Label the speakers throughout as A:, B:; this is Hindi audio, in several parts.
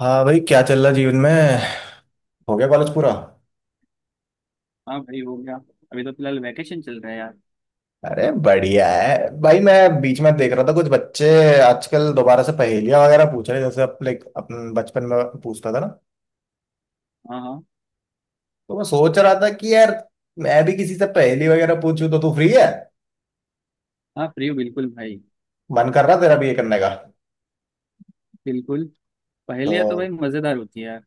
A: हाँ भाई, क्या चल रहा जीवन में। हो गया कॉलेज पूरा।
B: हाँ भाई हो गया। अभी तो फिलहाल वैकेशन चल रहा है यार।
A: अरे बढ़िया है भाई। मैं बीच में देख रहा था कुछ बच्चे आजकल दोबारा से पहेलियां वगैरह पूछ रहे हैं, जैसे अपने अपन बचपन में पूछता था ना।
B: हाँ हाँ।
A: तो मैं सोच रहा था कि यार, मैं भी किसी से पहेली वगैरह पूछूं, तो तू फ्री है?
B: हाँ फ्री हूँ बिल्कुल भाई।
A: मन कर रहा तेरा भी ये करने का?
B: बिल्कुल। पहेलियाँ तो भाई
A: तो
B: मज़ेदार होती है यार।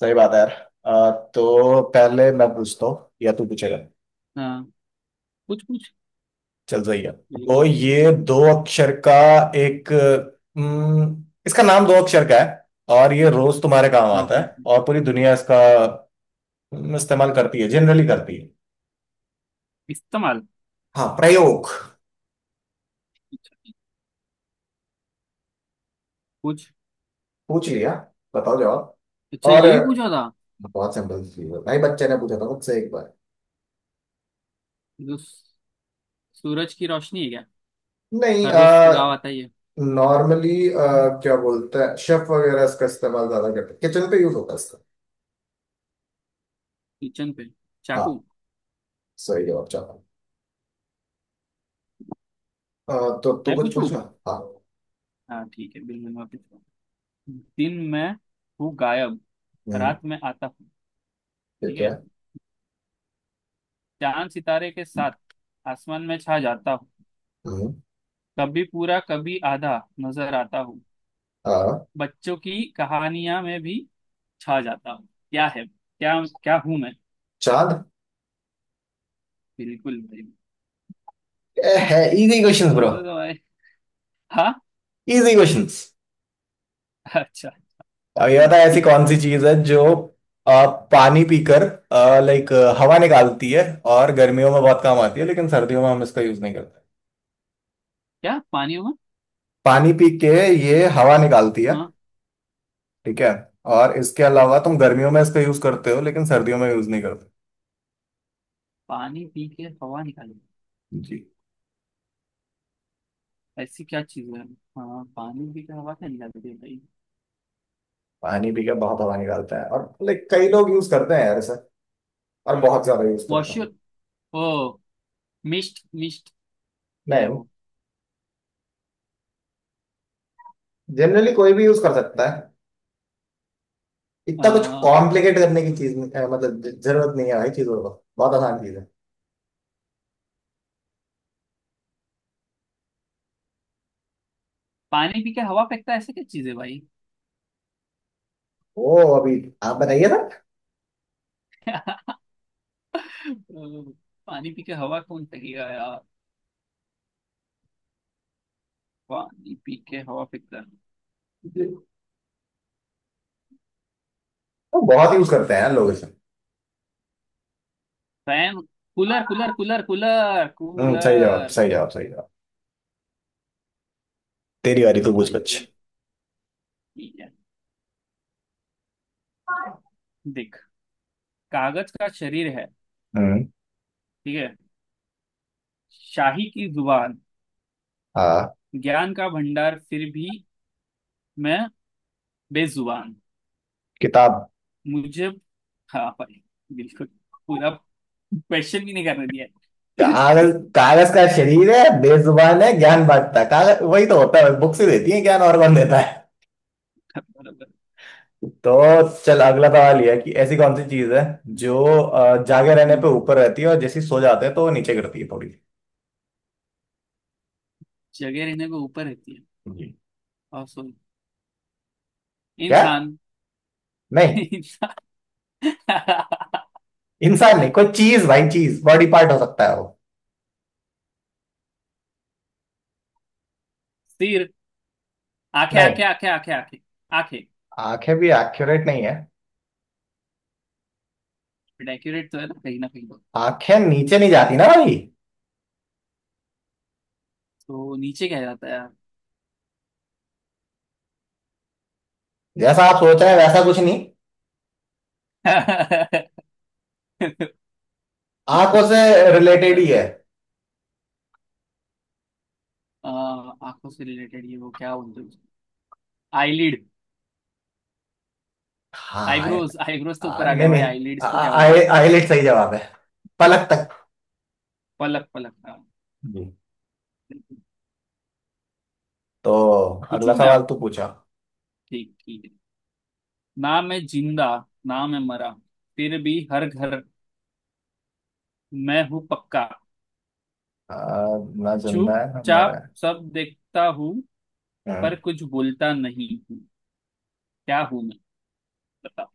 A: सही बात है यार। तो पहले मैं पूछता हूँ या तू पूछेगा?
B: हाँ। कुछ कुछ।
A: चल सही है, तो
B: बिल्कुल।
A: ये दो अक्षर का। एक। इसका नाम दो अक्षर का है, और ये रोज तुम्हारे काम आता
B: ओके
A: है,
B: ओके।
A: और पूरी दुनिया इसका इस्तेमाल करती है, जनरली करती है।
B: इस्तेमाल।
A: हाँ, प्रयोग।
B: अच्छा, कुछ।
A: पूछ लिया, बताओ जवाब।
B: अच्छा
A: और
B: यही पूछा था।
A: बहुत सिंपल चीज है भाई, बच्चे ने पूछा था मुझसे एक बार।
B: जो सू- सूरज की रोशनी है क्या?
A: नहीं।
B: हर रोज तो गाँव आता ही है।
A: नॉर्मली क्या बोलते हैं, शेफ वगैरह इसका इस्तेमाल ज्यादा करते हैं, किचन पे यूज होता है इसका।
B: किचन पे। चाकू।
A: हाँ, सही जवाब चाहता हूँ। तो तू
B: मैं
A: कुछ
B: पूछूं?
A: पूछना। हाँ।
B: हाँ ठीक है बिल्कुल मैं पूछूँ। दिन में हूँ गायब,
A: हम्म।
B: रात में आता हूँ।
A: ये
B: ठीक
A: क्या
B: है।
A: है?
B: चांद सितारे के साथ आसमान में छा जाता हूँ।
A: हम्म।
B: कभी पूरा कभी आधा नजर आता हूँ।
A: हाँ।
B: बच्चों की कहानियां में भी छा जाता हूँ। क्या है क्या, क्या हूँ मैं?
A: चांद।
B: बिल्कुल भाई।
A: है इजी क्वेश्चंस ब्रो।
B: तुम तो भाई। हाँ।
A: Easy questions.
B: अच्छा।
A: अब ये बताओ, ऐसी
B: ठीक
A: कौन सी
B: है।
A: चीज है जो आ, पानी पीकर, लाइक, हवा निकालती है, और गर्मियों में बहुत काम आती है लेकिन सर्दियों में हम इसका यूज नहीं करते।
B: क्या पानी हूँ
A: पानी पी के ये हवा निकालती
B: मैं?
A: है।
B: हाँ
A: ठीक है? और इसके अलावा तुम गर्मियों में इसका यूज करते हो लेकिन सर्दियों में यूज नहीं करते।
B: पानी पी के हवा निकाली,
A: जी।
B: ऐसी क्या चीज है। हाँ पानी पी के हवा क्या निकालती है भाई?
A: पानी पी के बहुत हवा निकालता है, और लाइक कई लोग यूज करते हैं यार इसे, और बहुत ज्यादा यूज करते हैं।
B: वॉशर? ओ मिस्ट मिस्ट। क्या है
A: नहीं।
B: वो?
A: जनरली कोई भी यूज कर सकता है।
B: अ,
A: इतना कुछ कॉम्प्लिकेट करने की चीज नहीं- मतलब जरूरत नहीं है भाई चीजों को, बहुत आसान चीज है।
B: पानी पी के हवा फेंकता है ऐसा क्या चीज है भाई?
A: ओ, अभी आप बताइए ना।
B: अ, पानी पी के हवा कौन फेंकेगा यार? पानी पी के हवा फेंकता है।
A: वो बहुत यूज करते हैं यार लोग इसे।
B: Fan? Cooler cooler cooler cooler
A: सही जवाब,
B: कूलर।
A: सही जवाब, सही जवाब। तेरी बारी, तू पूछ कुछ।
B: आइए। ठीक है। देख, कागज का शरीर है,
A: हम्म।
B: ठीक है, शाही की जुबान,
A: हाँ।
B: ज्ञान का भंडार फिर भी मैं बेजुबान।
A: किताब।
B: मुझे? हाँ भाई बिल्कुल। पूरा क्वेश्चन भी नहीं करने दिया है।
A: कागज कागज का शरीर है, बेजुबान है, ज्ञान बांटता है, कागज वही तो होता है, बुक्स ही देती है ज्ञान और कौन देता है।
B: बराबर।
A: तो चल, अगला सवाल ये है कि ऐसी कौन सी चीज है जो जागे रहने
B: हम्म,
A: पे ऊपर रहती है, और जैसे ही सो जाते हैं तो वो नीचे गिरती है थोड़ी।
B: जगह रहने को ऊपर रहती है
A: जी।
B: और सॉरी
A: क्या?
B: इंसान।
A: नहीं।
B: इंसान।
A: इंसान नहीं, कोई चीज भाई, चीज, बॉडी पार्ट हो सकता है वो।
B: सिर? आंखें
A: नहीं।
B: आंखें आंखें आंखें आंखें आंखें।
A: आंखें भी एक्यूरेट नहीं है।
B: डेकोरेट तो है ना, कहीं ना कहीं तो।
A: आंखें नीचे नहीं जाती ना भाई।
B: तो नीचे क्या जाता है यार?
A: जैसा आप सोच रहे हैं वैसा कुछ नहीं। आंखों से रिलेटेड ही
B: पता।
A: है।
B: आ, आंखों से रिलेटेड ये, वो क्या बोलते हैं? आईलिड?
A: हाँ
B: आईब्रोज आईब्रोज तो ऊपर आ
A: नहीं,
B: गया भाई,
A: नहीं।
B: आईलिड्स को क्या बोलते हैं?
A: आईलेट सही जवाब है, पलक तक।
B: पलक पलक हाँ।
A: जी। तो अगला
B: पूछू मैं
A: सवाल
B: अब।
A: तू पूछा।
B: ठीक ठीक है। ना मैं जिंदा, ना मैं मरा, फिर भी हर घर मैं हूँ पक्का।
A: आ, ना जिंदा है ना मरा
B: चुपचाप
A: है।
B: सब देखता हूँ पर
A: हम्म।
B: कुछ बोलता नहीं हूँ। क्या हूँ मैं? बताओ।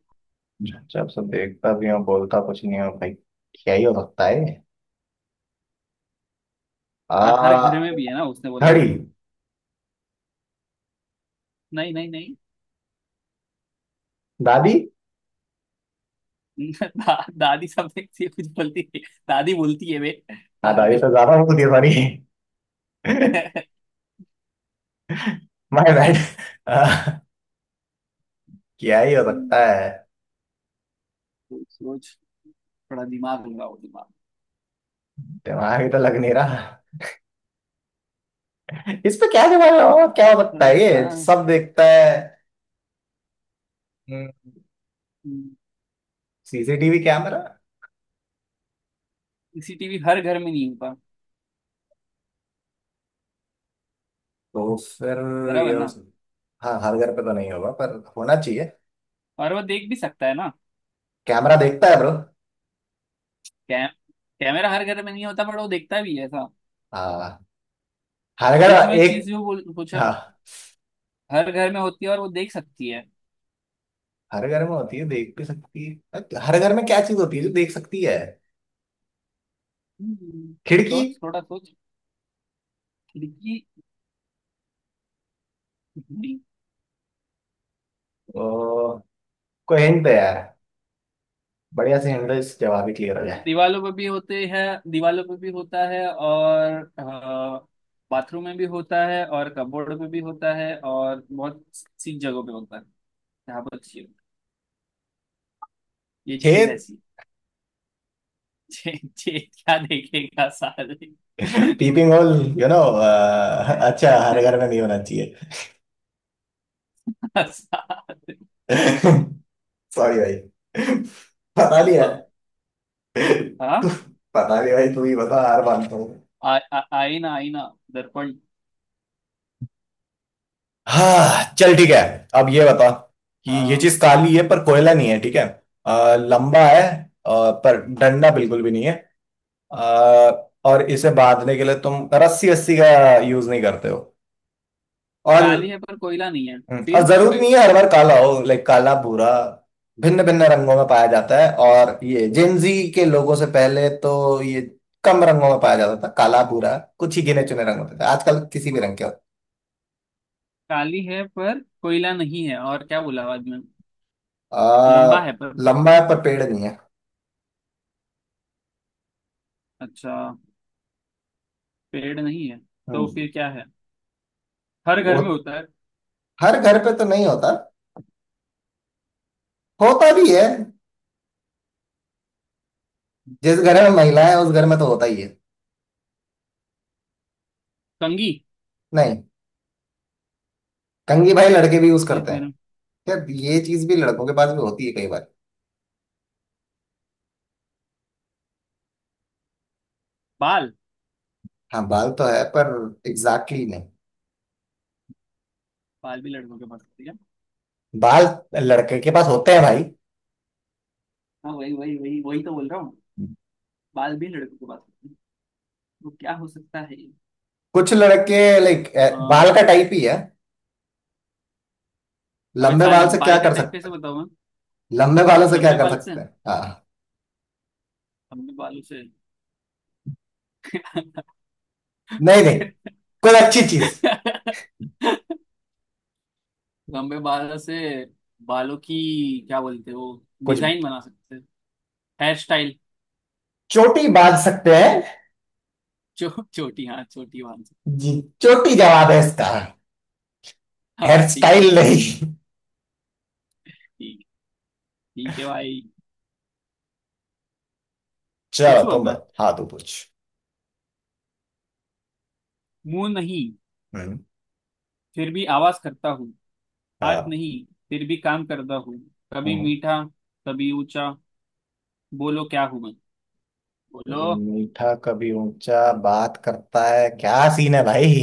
A: जब से देखता भी हूँ, बोलता कुछ नहीं हूँ भाई। क्या ही हो सकता है।
B: हर हर घर
A: आ
B: में भी है ना उसने बोला।
A: घड़ी।
B: नहीं नहीं नहीं।
A: दादी।
B: दादी समथिंग से कुछ बोलती है। दादी बोलती है वे,
A: हाँ दादी
B: पागल।
A: तो ज्यादा बोलती है, सॉरी। My bad. क्या ही हो
B: हम्म,
A: सकता है।
B: सोच सोच, थोड़ा दिमाग लगाओ दिमाग।
A: दिमाग ही तो लग नहीं रहा। इस पे क्या दिमाग लगा, क्या
B: अगर
A: हो सकता
B: थोड़ा
A: है
B: सा।
A: ये सब देखता है।
B: हम्म,
A: सीसीटीवी कैमरा।
B: सीसीटीवी हर घर में नहीं होता।
A: तो फिर।
B: बराबर
A: ये हो
B: ना।
A: सक- हाँ, हर घर पे तो नहीं होगा पर होना चाहिए।
B: और वो देख भी सकता है ना।
A: कैमरा देखता है ब्रो।
B: कै, कैमरा हर घर में नहीं होता, बट वो देखता भी है ऐसा।
A: हाँ। हर
B: ये जो
A: घर।
B: है
A: एक।
B: चीज जो बोल पूछा,
A: हाँ।
B: हर घर में होती है और वो देख सकती है।
A: हर घर में होती है, देख भी सकती है, हर घर में क्या चीज होती है जो देख सकती है? खिड़की।
B: सोच थोड़ा सोच। खिड़की?
A: ओ, कोई हिंट है यार, बढ़िया से हिंट, जवाब ही क्लियर हो जाए।
B: दीवालों पे भी होते हैं। दीवालों पे भी होता है, और अ, बाथरूम में भी होता है, और कपबोर्ड पे भी होता है, और बहुत सी जगहों पे होता है। यहाँ पर चाहिए ये चीज
A: छेद।
B: ऐसी। जे, जे क्या देखेगा सारे नहीं,
A: पीपिंग होल यू नो अच्छा, हर घर में नहीं होना चाहिए।
B: सारे।
A: सॉरी भाई, पता
B: हाँ
A: नहीं यार।
B: हाँ।
A: तू, पता नहीं भाई, तू ही बता, हार मानता हूँ।
B: आईना आईना, दर्पण।
A: हाँ चल ठीक है। अब ये बता कि ये
B: हाँ।
A: चीज काली है पर कोयला नहीं है, ठीक है? लंबा है, पर डंडा बिल्कुल भी नहीं है, और इसे बांधने के लिए तुम रस्सी रस्सी का यूज नहीं करते हो।
B: काली
A: और
B: है पर कोयला नहीं है?
A: और
B: फिर
A: जरूरी नहीं है हर बार काला हो, लाइक काला भूरा, भिन्न भिन्न रंगों में पाया जाता है, और ये जेंजी के लोगों से पहले तो ये कम रंगों में पाया जाता था, काला भूरा कुछ ही गिने चुने रंग होते थे, आजकल किसी भी रंग के होते
B: काली है पर कोयला नहीं है, और क्या बोला बाद में?
A: हैं।
B: लंबा है पर?
A: लंबा है पर पेड़ नहीं है।
B: अच्छा, पेड़ नहीं है। तो
A: हम्म।
B: फिर क्या है? हर
A: वो,
B: घर में होता है?
A: हर घर पे तो नहीं होता, होता भी है, जिस घर में महिला है उस घर में तो होता ही है।
B: कंघी?
A: नहीं। कंघी? भाई लड़के भी यूज
B: जिस
A: करते
B: घर
A: हैं।
B: में
A: यार ये चीज भी लड़कों के पास भी होती है कई बार।
B: बाल?
A: हाँ बाल तो है, पर एग्जैक्टली नहीं।
B: बाल भी लड़कों के पास होती है।
A: बाल लड़के के पास होते हैं भाई।
B: हाँ वही वही वही वही तो बोल रहा हूँ। बाल भी लड़कों के पास होते हैं, तो क्या हो सकता है ये?
A: कुछ लड़के, लाइक,
B: आ,
A: बाल का टाइप ही है।
B: अबे
A: लंबे
B: साले
A: बाल से क्या
B: बाल का
A: कर
B: टाइप
A: सकते
B: कैसे
A: हैं,
B: बताऊं मैं?
A: लंबे बालों से क्या
B: लंबे
A: कर
B: बाल से,
A: सकते हैं, हाँ?
B: लंबे बालों से।
A: नहीं, नहीं, कोई अच्छी चीज।
B: लंबे बालों से बालों की क्या बोलते हैं वो
A: कुछ,
B: डिजाइन बना सकते हैं? Hair style?
A: चोटी बांध सकते हैं।
B: चो, चोटी हाँ चोटी बांध सकते
A: जी, चोटी जवाब है इसका,
B: हैं। हाँ
A: हेयर
B: ठीक
A: स्टाइल
B: है।
A: नहीं।
B: ठीक। ठीक है भाई।
A: चलो
B: पूछू अब
A: तुम
B: मैं।
A: बताओ, हाँ तू पूछ।
B: मुंह नहीं
A: हम्म।
B: फिर भी आवाज करता हूँ, हाथ
A: हाँ।
B: नहीं फिर भी काम करता हूँ। कभी
A: हम्म।
B: मीठा, कभी ऊंचा। बोलो क्या हूं मैं, बोलो।
A: कभी मीठा कभी ऊंचा बात करता है, क्या सीन है भाई।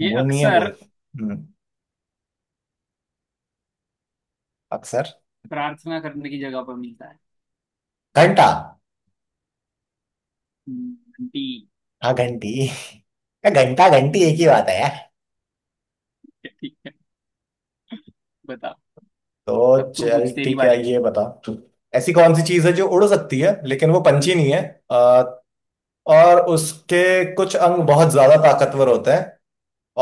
B: ये
A: वो नहीं है
B: अक्सर
A: बोलते। हम्म, अक्सर।
B: प्रार्थना करने की जगह पर मिलता है।
A: घंटा।
B: आंटी।
A: हाँ घंटी, या घंटा घंटी एक ही
B: हम्म,
A: बात है यार।
B: ठीक है। बता। अब
A: तो
B: तू
A: चल
B: पूछ, तेरी
A: ठीक है,
B: बारी।
A: ये बता तू, ऐसी कौन सी चीज है जो उड़ सकती है लेकिन वो पंछी नहीं है, अ, और उसके कुछ अंग बहुत ज्यादा ताकतवर होते हैं,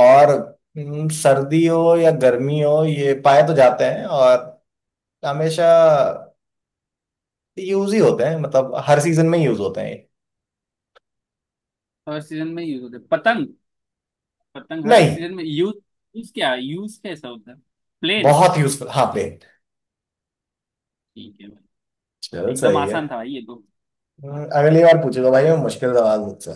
A: और सर्दी हो या गर्मी हो ये पाए तो जाते हैं, और हमेशा यूज ही होते हैं, मतलब हर सीजन में यूज होते हैं ये।
B: हर सीजन में यूज होते, पतंग? पतंग हर
A: नहीं।
B: सीजन में यूज। यूज क्या यूज कैसा होता है? प्लेन?
A: बहुत यूजफुल, हाँ प्लेन।
B: ठीक है भाई।
A: चल
B: एकदम
A: सही
B: आसान था
A: है।
B: भाई ये तो।
A: अगली बार पूछेगा भाई मैं मुश्किल सवाल मुझसे।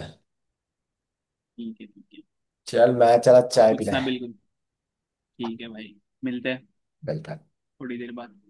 B: ठीक है ठीक है।
A: चल मैं चला चाय पीने।
B: पूछना बिल्कुल। ठीक है भाई, मिलते हैं
A: है।
B: थोड़ी देर बाद।